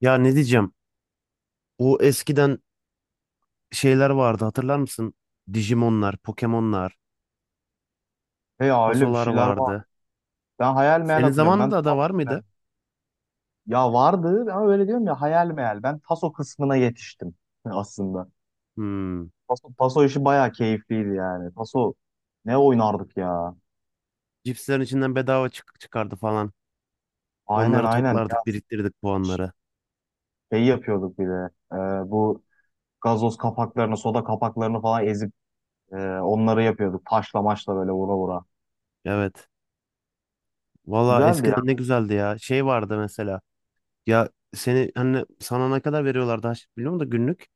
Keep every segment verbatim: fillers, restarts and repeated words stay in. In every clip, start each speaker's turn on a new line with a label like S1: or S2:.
S1: Ya ne diyeceğim? O eskiden şeyler vardı hatırlar mısın? Digimonlar, Pokemonlar,
S2: He ya öyle bir
S1: tasolar
S2: şeyler var.
S1: vardı.
S2: Ben hayal meyal
S1: Senin
S2: hatırlıyorum. Ben
S1: zamanında da
S2: Taso
S1: var mıydı?
S2: Ya vardı ama öyle diyorum ya hayal meyal. Ben Taso kısmına yetiştim aslında.
S1: Hmm.
S2: Taso, Taso işi bayağı keyifliydi yani. Taso ne oynardık ya.
S1: Cipslerin içinden bedava çık çıkardı falan.
S2: Aynen
S1: Onları
S2: aynen. Ya
S1: toplardık, biriktirdik puanları.
S2: şey yapıyorduk bir de. Ee, bu gazoz kapaklarını, soda kapaklarını falan ezip e, onları yapıyorduk. Taşla maçla böyle vura vura.
S1: Evet. Valla
S2: Güzeldi ya.
S1: eskiden ne güzeldi ya. Şey vardı mesela. Ya seni hani sana ne kadar veriyorlardı biliyor musun da günlük?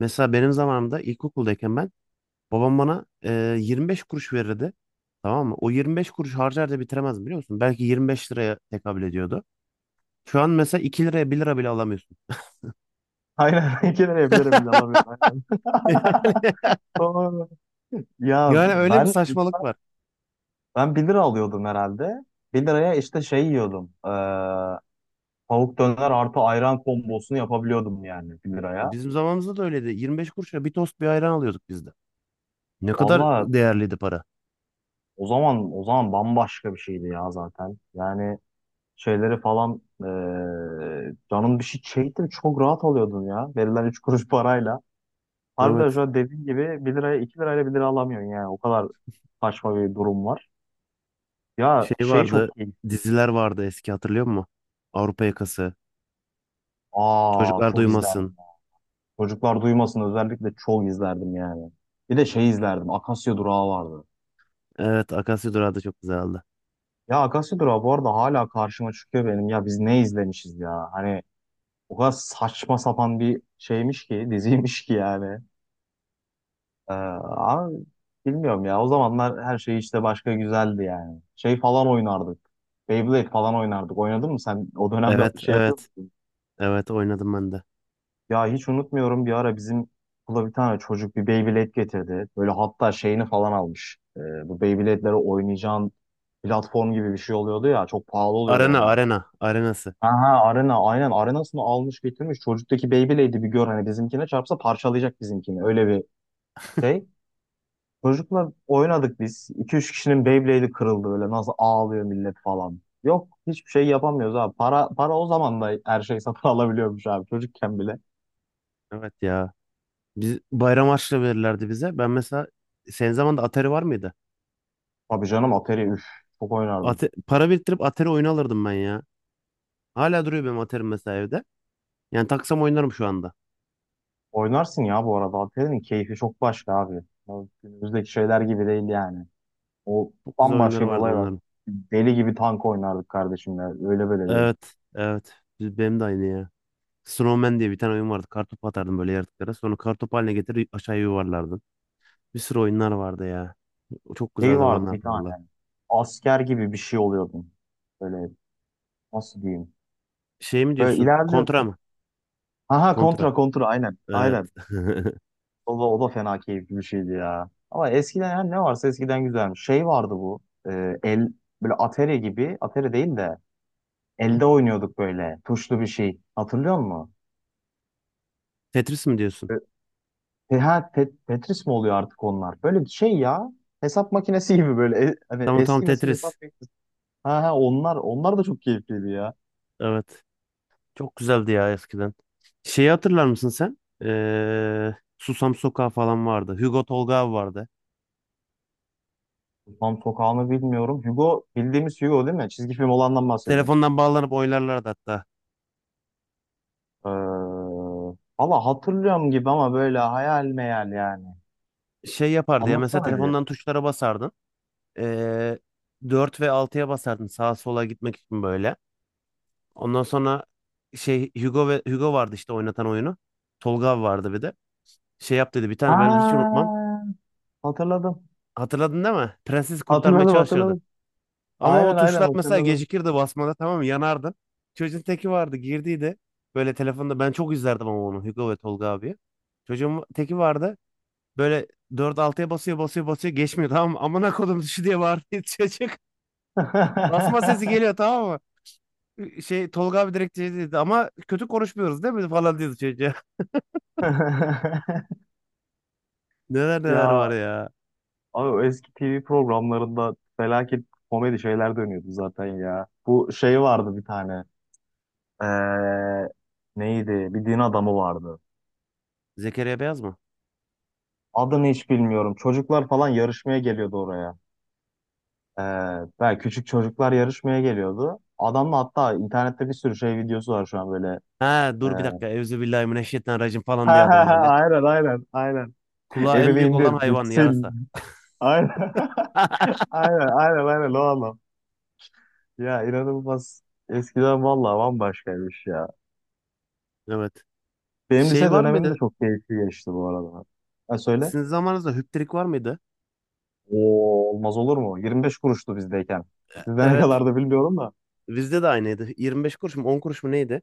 S1: Mesela benim zamanımda ilkokuldayken ben babam bana e, yirmi beş kuruş verirdi. Tamam mı? O yirmi beş kuruş harcar da bitiremezdim biliyor musun? Belki yirmi beş liraya tekabül ediyordu. Şu an mesela iki liraya bir lira bile alamıyorsun.
S2: Aynen. İki lira yapılır bile alamıyorum. Aynen. Doğru. Ya
S1: Yani, yani öyle bir
S2: ben
S1: saçmalık var.
S2: Ben bir lira alıyordum herhalde. bir liraya işte şey yiyordum. Ee, tavuk döner artı ayran kombosunu yapabiliyordum yani bir liraya.
S1: Bizim zamanımızda da öyleydi. yirmi beş kuruşa bir tost bir ayran alıyorduk biz de. Ne kadar
S2: Valla
S1: değerliydi para.
S2: o zaman o zaman bambaşka bir şeydi ya zaten. Yani şeyleri falan ee, canım bir şey çekti mi çok rahat alıyordun ya. Verilen üç kuruş parayla. Harbiden şu
S1: Evet.
S2: an dediğin gibi bir liraya iki lirayla bir lira alamıyorsun yani. O kadar saçma bir durum var. Ya
S1: Şey
S2: şey çok
S1: vardı.
S2: keyifliydi.
S1: Diziler vardı eski hatırlıyor musun? Avrupa Yakası.
S2: Aa,
S1: Çocuklar
S2: çok
S1: Duymasın.
S2: izlendim. Çocuklar Duymasın özellikle çok izlerdim yani. Bir de şey izlerdim. Akasya Durağı vardı.
S1: Evet. Akasya Durağı da çok güzeldi.
S2: Ya Akasya Durağı bu arada hala karşıma çıkıyor benim. Ya biz ne izlemişiz ya? Hani o kadar saçma sapan bir şeymiş ki, diziymiş ki yani. Ee, ama bilmiyorum ya. O zamanlar her şey işte başka güzeldi yani. Şey falan oynardık. Beyblade falan oynardık. Oynadın mı sen? O dönemde
S1: Evet.
S2: şey yapıyor.
S1: Evet. Evet oynadım ben de.
S2: Ya hiç unutmuyorum bir ara bizim okula bir tane çocuk bir Beyblade getirdi. Böyle hatta şeyini falan almış. Ee, bu Beyblade'lere oynayacağın platform gibi bir şey oluyordu ya. Çok pahalı oluyordu
S1: Arena.
S2: onlar.
S1: Arena. Arenası.
S2: Aha arena aynen arenasını almış getirmiş. Çocuktaki Beyblade'i bir gör, hani bizimkine çarpsa parçalayacak bizimkini. Öyle bir şey. Çocukla oynadık biz. İki üç kişinin Beyblade'i kırıldı böyle, nasıl ağlıyor millet falan. Yok, hiçbir şey yapamıyoruz abi. Para, para o zaman da her şey satın alabiliyormuş abi, çocukken bile.
S1: Evet ya. Biz bayram harçlığı verirlerdi bize. Ben mesela, senin zamanında Atari var mıydı?
S2: Tabii canım, Atari, üf. Çok oynardım.
S1: Ate- para biriktirip Atari oyunu alırdım ben ya. Hala duruyor benim Atari'm mesela evde. Yani taksam oynarım şu anda.
S2: Oynarsın ya bu arada. Alperen'in keyfi çok başka abi. Ya günümüzdeki şeyler gibi değil yani. O,
S1: Çok güzel oyunları
S2: bambaşka bir
S1: vardı
S2: olay var.
S1: onların.
S2: Deli gibi tank oynardık kardeşimle. Öyle böyle değil.
S1: Evet, evet. Biz- Benim de aynı ya. Snowman diye bir tane oyun vardı. Kartopu atardım böyle yaratıklara. Sonra kartopu haline getirip aşağıya yuvarlardın. Bir sürü oyunlar vardı ya. O çok güzel
S2: Şey vardı
S1: zamanlardı
S2: bir tane.
S1: valla.
S2: Asker gibi bir şey oluyordun. Böyle, nasıl diyeyim.
S1: Şey mi
S2: Böyle
S1: diyorsun? Kontra
S2: ilerliyorsun.
S1: mı?
S2: Aha,
S1: Kontra.
S2: kontra, kontra aynen.
S1: Evet.
S2: Aynen. O da, o da fena keyifli bir şeydi ya. Ama eskiden, yani ne varsa eskiden güzelmiş. Şey vardı bu. E, el böyle, Atari gibi. Atari değil de elde oynuyorduk böyle. Tuşlu bir şey. Hatırlıyor musun?
S1: Tetris mi diyorsun?
S2: E, ha, Te- Tetris mi oluyor artık onlar? Böyle bir şey ya. Hesap makinesi gibi böyle. E- hani
S1: Tamam tamam
S2: eski nesil hesap
S1: Tetris.
S2: makinesi. Ha ha, onlar onlar da çok keyifliydi ya.
S1: Evet. Çok güzeldi ya eskiden. Şeyi hatırlar mısın sen? Ee, Susam Sokağı falan vardı. Hugo Tolga abi vardı.
S2: Tam sokağını bilmiyorum. Hugo bildiğimiz Hugo değil mi? Çizgi film olandan bahsediyorum.
S1: Telefondan bağlanıp oynarlardı hatta.
S2: Ee, Valla hatırlıyorum gibi ama böyle hayal meyal yani.
S1: Şey yapardı ya mesela
S2: Anlatsana bir.
S1: telefondan tuşlara basardın. Ee, dört ve altıya basardın sağa sola gitmek için böyle. Ondan sonra şey Hugo ve Hugo vardı işte oynatan oyunu. Tolga abi vardı bir de. Şey yap dedi bir tane ben hiç
S2: Ha,
S1: unutmam.
S2: hatırladım.
S1: Hatırladın değil mi? Prensesi kurtarmaya
S2: Hatırladım,
S1: çalışırdı.
S2: hatırladım.
S1: Ama o
S2: Aynen aynen,
S1: tuşlar mesela
S2: hatırladım.
S1: gecikirdi basmada tamam mı? Yanardın. Çocuğun teki vardı girdiydi. Böyle telefonda ben çok izlerdim ama onu Hugo ve Tolga abi. Çocuğun teki vardı. Böyle dört altıya basıyor basıyor basıyor geçmiyor tamam mı? Amına kodum düşü diye bağırıyor çocuk. Basma sesi geliyor tamam mı? Şey Tolga abi direkt şey dedi ama kötü konuşmuyoruz değil mi falan diyordu çocuğa. Neler neler var
S2: Ya
S1: ya.
S2: abi, o eski T V programlarında felaket komedi şeyler dönüyordu zaten ya. Bu şey vardı bir tane. Ee, Neydi? Bir din adamı vardı.
S1: Zekeriya Beyaz mı?
S2: Adını hiç bilmiyorum. Çocuklar falan yarışmaya geliyordu oraya. Ee, Belki küçük çocuklar yarışmaya geliyordu. Adamla hatta internette bir sürü şey videosu var şu an böyle.
S1: Ha dur bir
S2: Ee,
S1: dakika. Evzubillahimineşşeytanirracim falan diye
S2: ha, ha,
S1: adam
S2: ha,
S1: böyle.
S2: aynen aynen aynen.
S1: Kulağı en
S2: Elini
S1: büyük
S2: indir
S1: olan hayvan yarasa.
S2: bitsin. Aynen. Aynen aynen aynen, o adam. Ya, inanılmaz. Eskiden vallahi bambaşkaymış ya.
S1: Evet.
S2: Benim
S1: Şey
S2: lise
S1: var
S2: dönemim de
S1: mıydı
S2: çok keyifli geçti bu arada. Ha, söyle.
S1: Sizin zamanınızda hüptrik var mıydı?
S2: Oo, olmaz olur mu? yirmi beş kuruştu bizdeyken. Sizde ne
S1: Evet.
S2: kadar da bilmiyorum da.
S1: Bizde de aynıydı. Yirmi beş kuruş mu on kuruş mu neydi?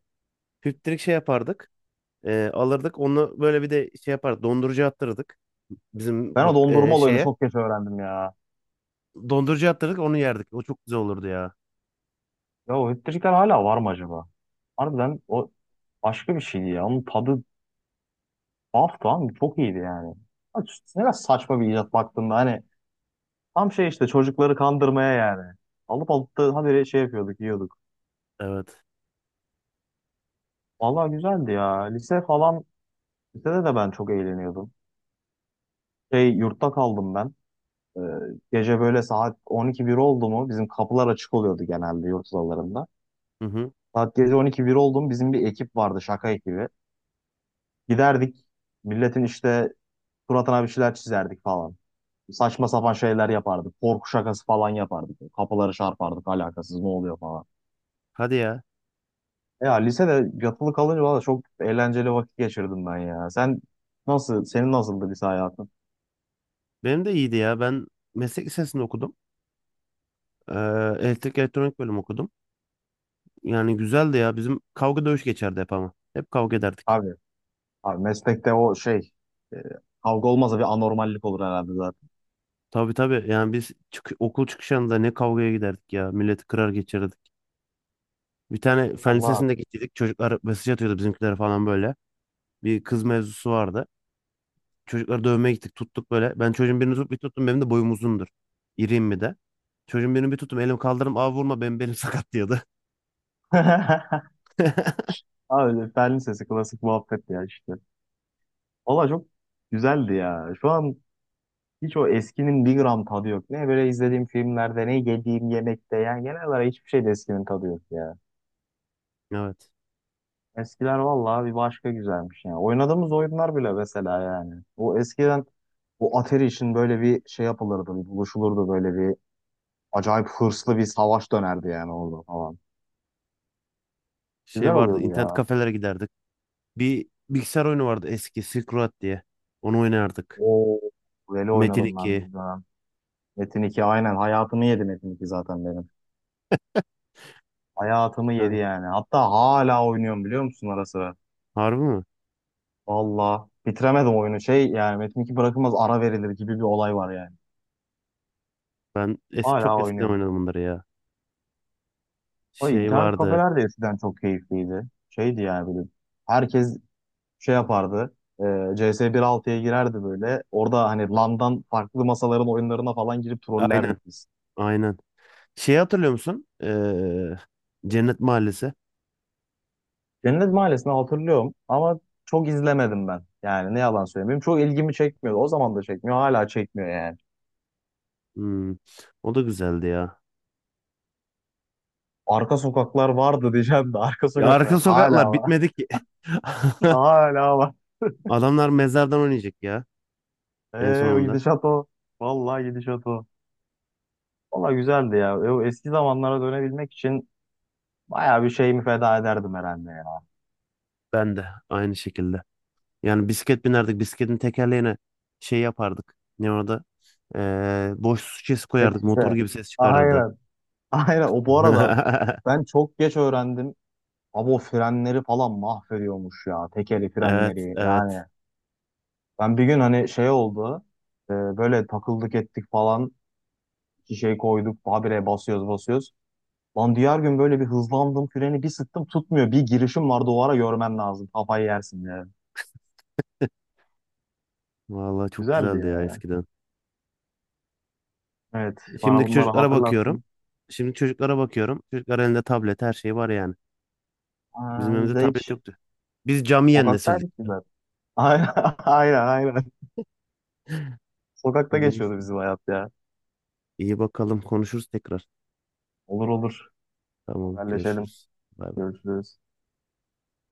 S1: Hüptrik şey yapardık. E, alırdık. Onu böyle bir de şey yapardık. Dondurucu attırdık. Bizim
S2: Ben o
S1: bak
S2: dondurma
S1: e,
S2: olayını
S1: şeye.
S2: çok geç öğrendim ya.
S1: Dondurucu attırdık onu yerdik. O çok güzel olurdu ya.
S2: Ya o hütteciler hala var mı acaba? Harbiden o başka bir şeydi ya. Onun tadı tuhaf, tamam mı? Çok iyiydi yani. Ha, ne kadar saçma bir icat baktığında, hani tam şey işte, çocukları kandırmaya yani. Alıp alıp da habire şey yapıyorduk, yiyorduk.
S1: Evet.
S2: Vallahi güzeldi ya. Lise falan, lisede de ben çok eğleniyordum. Şey, yurtta kaldım ben. Ee, Gece böyle saat on iki bir oldu mu bizim kapılar açık oluyordu genelde yurt odalarında.
S1: Hı hı.
S2: Saat gece on iki bir oldu mu, bizim bir ekip vardı, şaka ekibi. Giderdik, milletin işte suratına bir şeyler çizerdik falan. Saçma sapan şeyler yapardık. Korku şakası falan yapardık. Kapıları çarpardık, alakasız, ne oluyor falan.
S1: Hadi ya.
S2: Ya lisede yatılı kalınca valla çok eğlenceli vakit geçirdim ben ya. Sen nasıl, senin nasıldı lise hayatın?
S1: Benim de iyiydi ya. Ben meslek lisesinde okudum. E, Elektrik elektronik bölüm okudum. Yani güzeldi ya. Bizim kavga dövüş geçerdi hep ama. Hep kavga ederdik.
S2: Abi, abi meslekte o şey, e, kavga olmasa bir anormallik olur herhalde zaten.
S1: Tabii tabii. Yani biz çık- okul çıkışında ne kavgaya giderdik ya. Milleti kırar geçirdik. Bir tane fen
S2: Allah.
S1: lisesinde gittik. Çocuklar mesaj atıyordu bizimkilere falan böyle. Bir kız mevzusu vardı. Çocukları dövmeye gittik tuttuk böyle. Ben çocuğun birini tutup bir tuttum benim de boyum uzundur. İriyim bir de. Çocuğun birini bir tuttum elim kaldırdım abi vurma benim belim sakat diyordu.
S2: Aa, öyle Berlin sesi klasik muhabbet ya işte. Valla çok güzeldi ya. Şu an hiç o eskinin bir gram tadı yok. Ne böyle izlediğim filmlerde, ne yediğim yemekte, yani genel olarak hiçbir şeyde eskinin tadı yok ya.
S1: Evet.
S2: Eskiler valla bir başka güzelmiş ya. Oynadığımız oyunlar bile mesela yani. O eskiden bu Atari için böyle bir şey yapılırdı, bir buluşulurdu, böyle bir acayip hırslı bir savaş dönerdi yani orada falan. Güzel
S1: Şey vardı,
S2: oluyordu
S1: internet
S2: ya.
S1: kafelere giderdik. Bir bilgisayar oyunu vardı eski Silk Road diye. Onu oynardık.
S2: O, böyle
S1: Metin
S2: oynadım ben
S1: iki.
S2: bir dönem. Metin iki aynen hayatımı yedi, Metin iki zaten benim. Hayatımı yedi
S1: Ha,
S2: yani. Hatta hala oynuyorum biliyor musun, ara sıra?
S1: harbi mi?
S2: Valla bitiremedim oyunu. Şey, yani Metin iki bırakılmaz, ara verilir gibi bir olay var yani.
S1: Ben eski,
S2: Hala
S1: çok eskiden
S2: oynuyorum.
S1: oynadım bunları ya.
S2: O
S1: Şey
S2: internet
S1: vardı.
S2: kafeler de eskiden çok keyifliydi. Şeydi yani böyle. Herkes şey yapardı. E, C S bir altıya girerdi böyle. Orada hani landan farklı masaların oyunlarına falan girip trollerdik
S1: Aynen.
S2: biz.
S1: Aynen. Şeyi hatırlıyor musun? Ee, Cennet Mahallesi.
S2: Cennet Mahallesi'ni hatırlıyorum ama çok izlemedim ben. Yani ne yalan söyleyeyim. Benim çok ilgimi çekmiyordu. O zaman da çekmiyor. Hala çekmiyor yani.
S1: Hmm, o da güzeldi ya.
S2: Arka sokaklar vardı diyeceğim de arka
S1: Ya
S2: sokaklar
S1: arka
S2: hala
S1: sokaklar
S2: var.
S1: bitmedi ki.
S2: Hala var.
S1: Adamlar mezardan oynayacak ya en
S2: Ee, o
S1: sonunda.
S2: gidişat o. Vallahi gidişat o. Valla güzeldi ya. E, o eski zamanlara dönebilmek için bayağı bir şeyimi feda ederdim herhalde ya.
S1: Ben de aynı şekilde. Yani bisiklet binerdik. Bisikletin tekerleğine şey yapardık. Ne orada? Ee, boş su şişesi koyardık.
S2: Hepsi.
S1: Motor gibi ses çıkarırdı.
S2: Aynen. Aynen. O bu arada ben çok geç öğrendim. Abi, o frenleri falan mahvediyormuş ya. Tekeli
S1: Evet,
S2: frenleri yani.
S1: evet.
S2: Ben bir gün hani şey oldu. E, böyle takıldık ettik falan. Şişeyi koyduk. Habire basıyoruz basıyoruz. Lan diğer gün böyle bir hızlandım, freni bir sıktım, tutmuyor. Bir girişim vardı o ara, görmen lazım. Kafayı yersin ya.
S1: Vallahi çok
S2: Güzeldi
S1: güzeldi ya
S2: ya.
S1: eskiden.
S2: Evet, bana
S1: Şimdiki
S2: bunları
S1: çocuklara bakıyorum.
S2: hatırlattın.
S1: Şimdiki çocuklara bakıyorum. Çocuklar elinde tablet her şey var yani. Bizim
S2: Aa, biz
S1: evimizde
S2: de
S1: tablet
S2: hiç
S1: yoktu. Biz camiyen nesildik.
S2: sokaktaydık biz zaten. Aynen aynen aynen. Sokakta geçiyordu
S1: Neyse.
S2: bizim hayat ya.
S1: İyi bakalım konuşuruz tekrar.
S2: Olur olur.
S1: Tamam
S2: Haberleşelim.
S1: görüşürüz. Bay bay.
S2: Görüşürüz.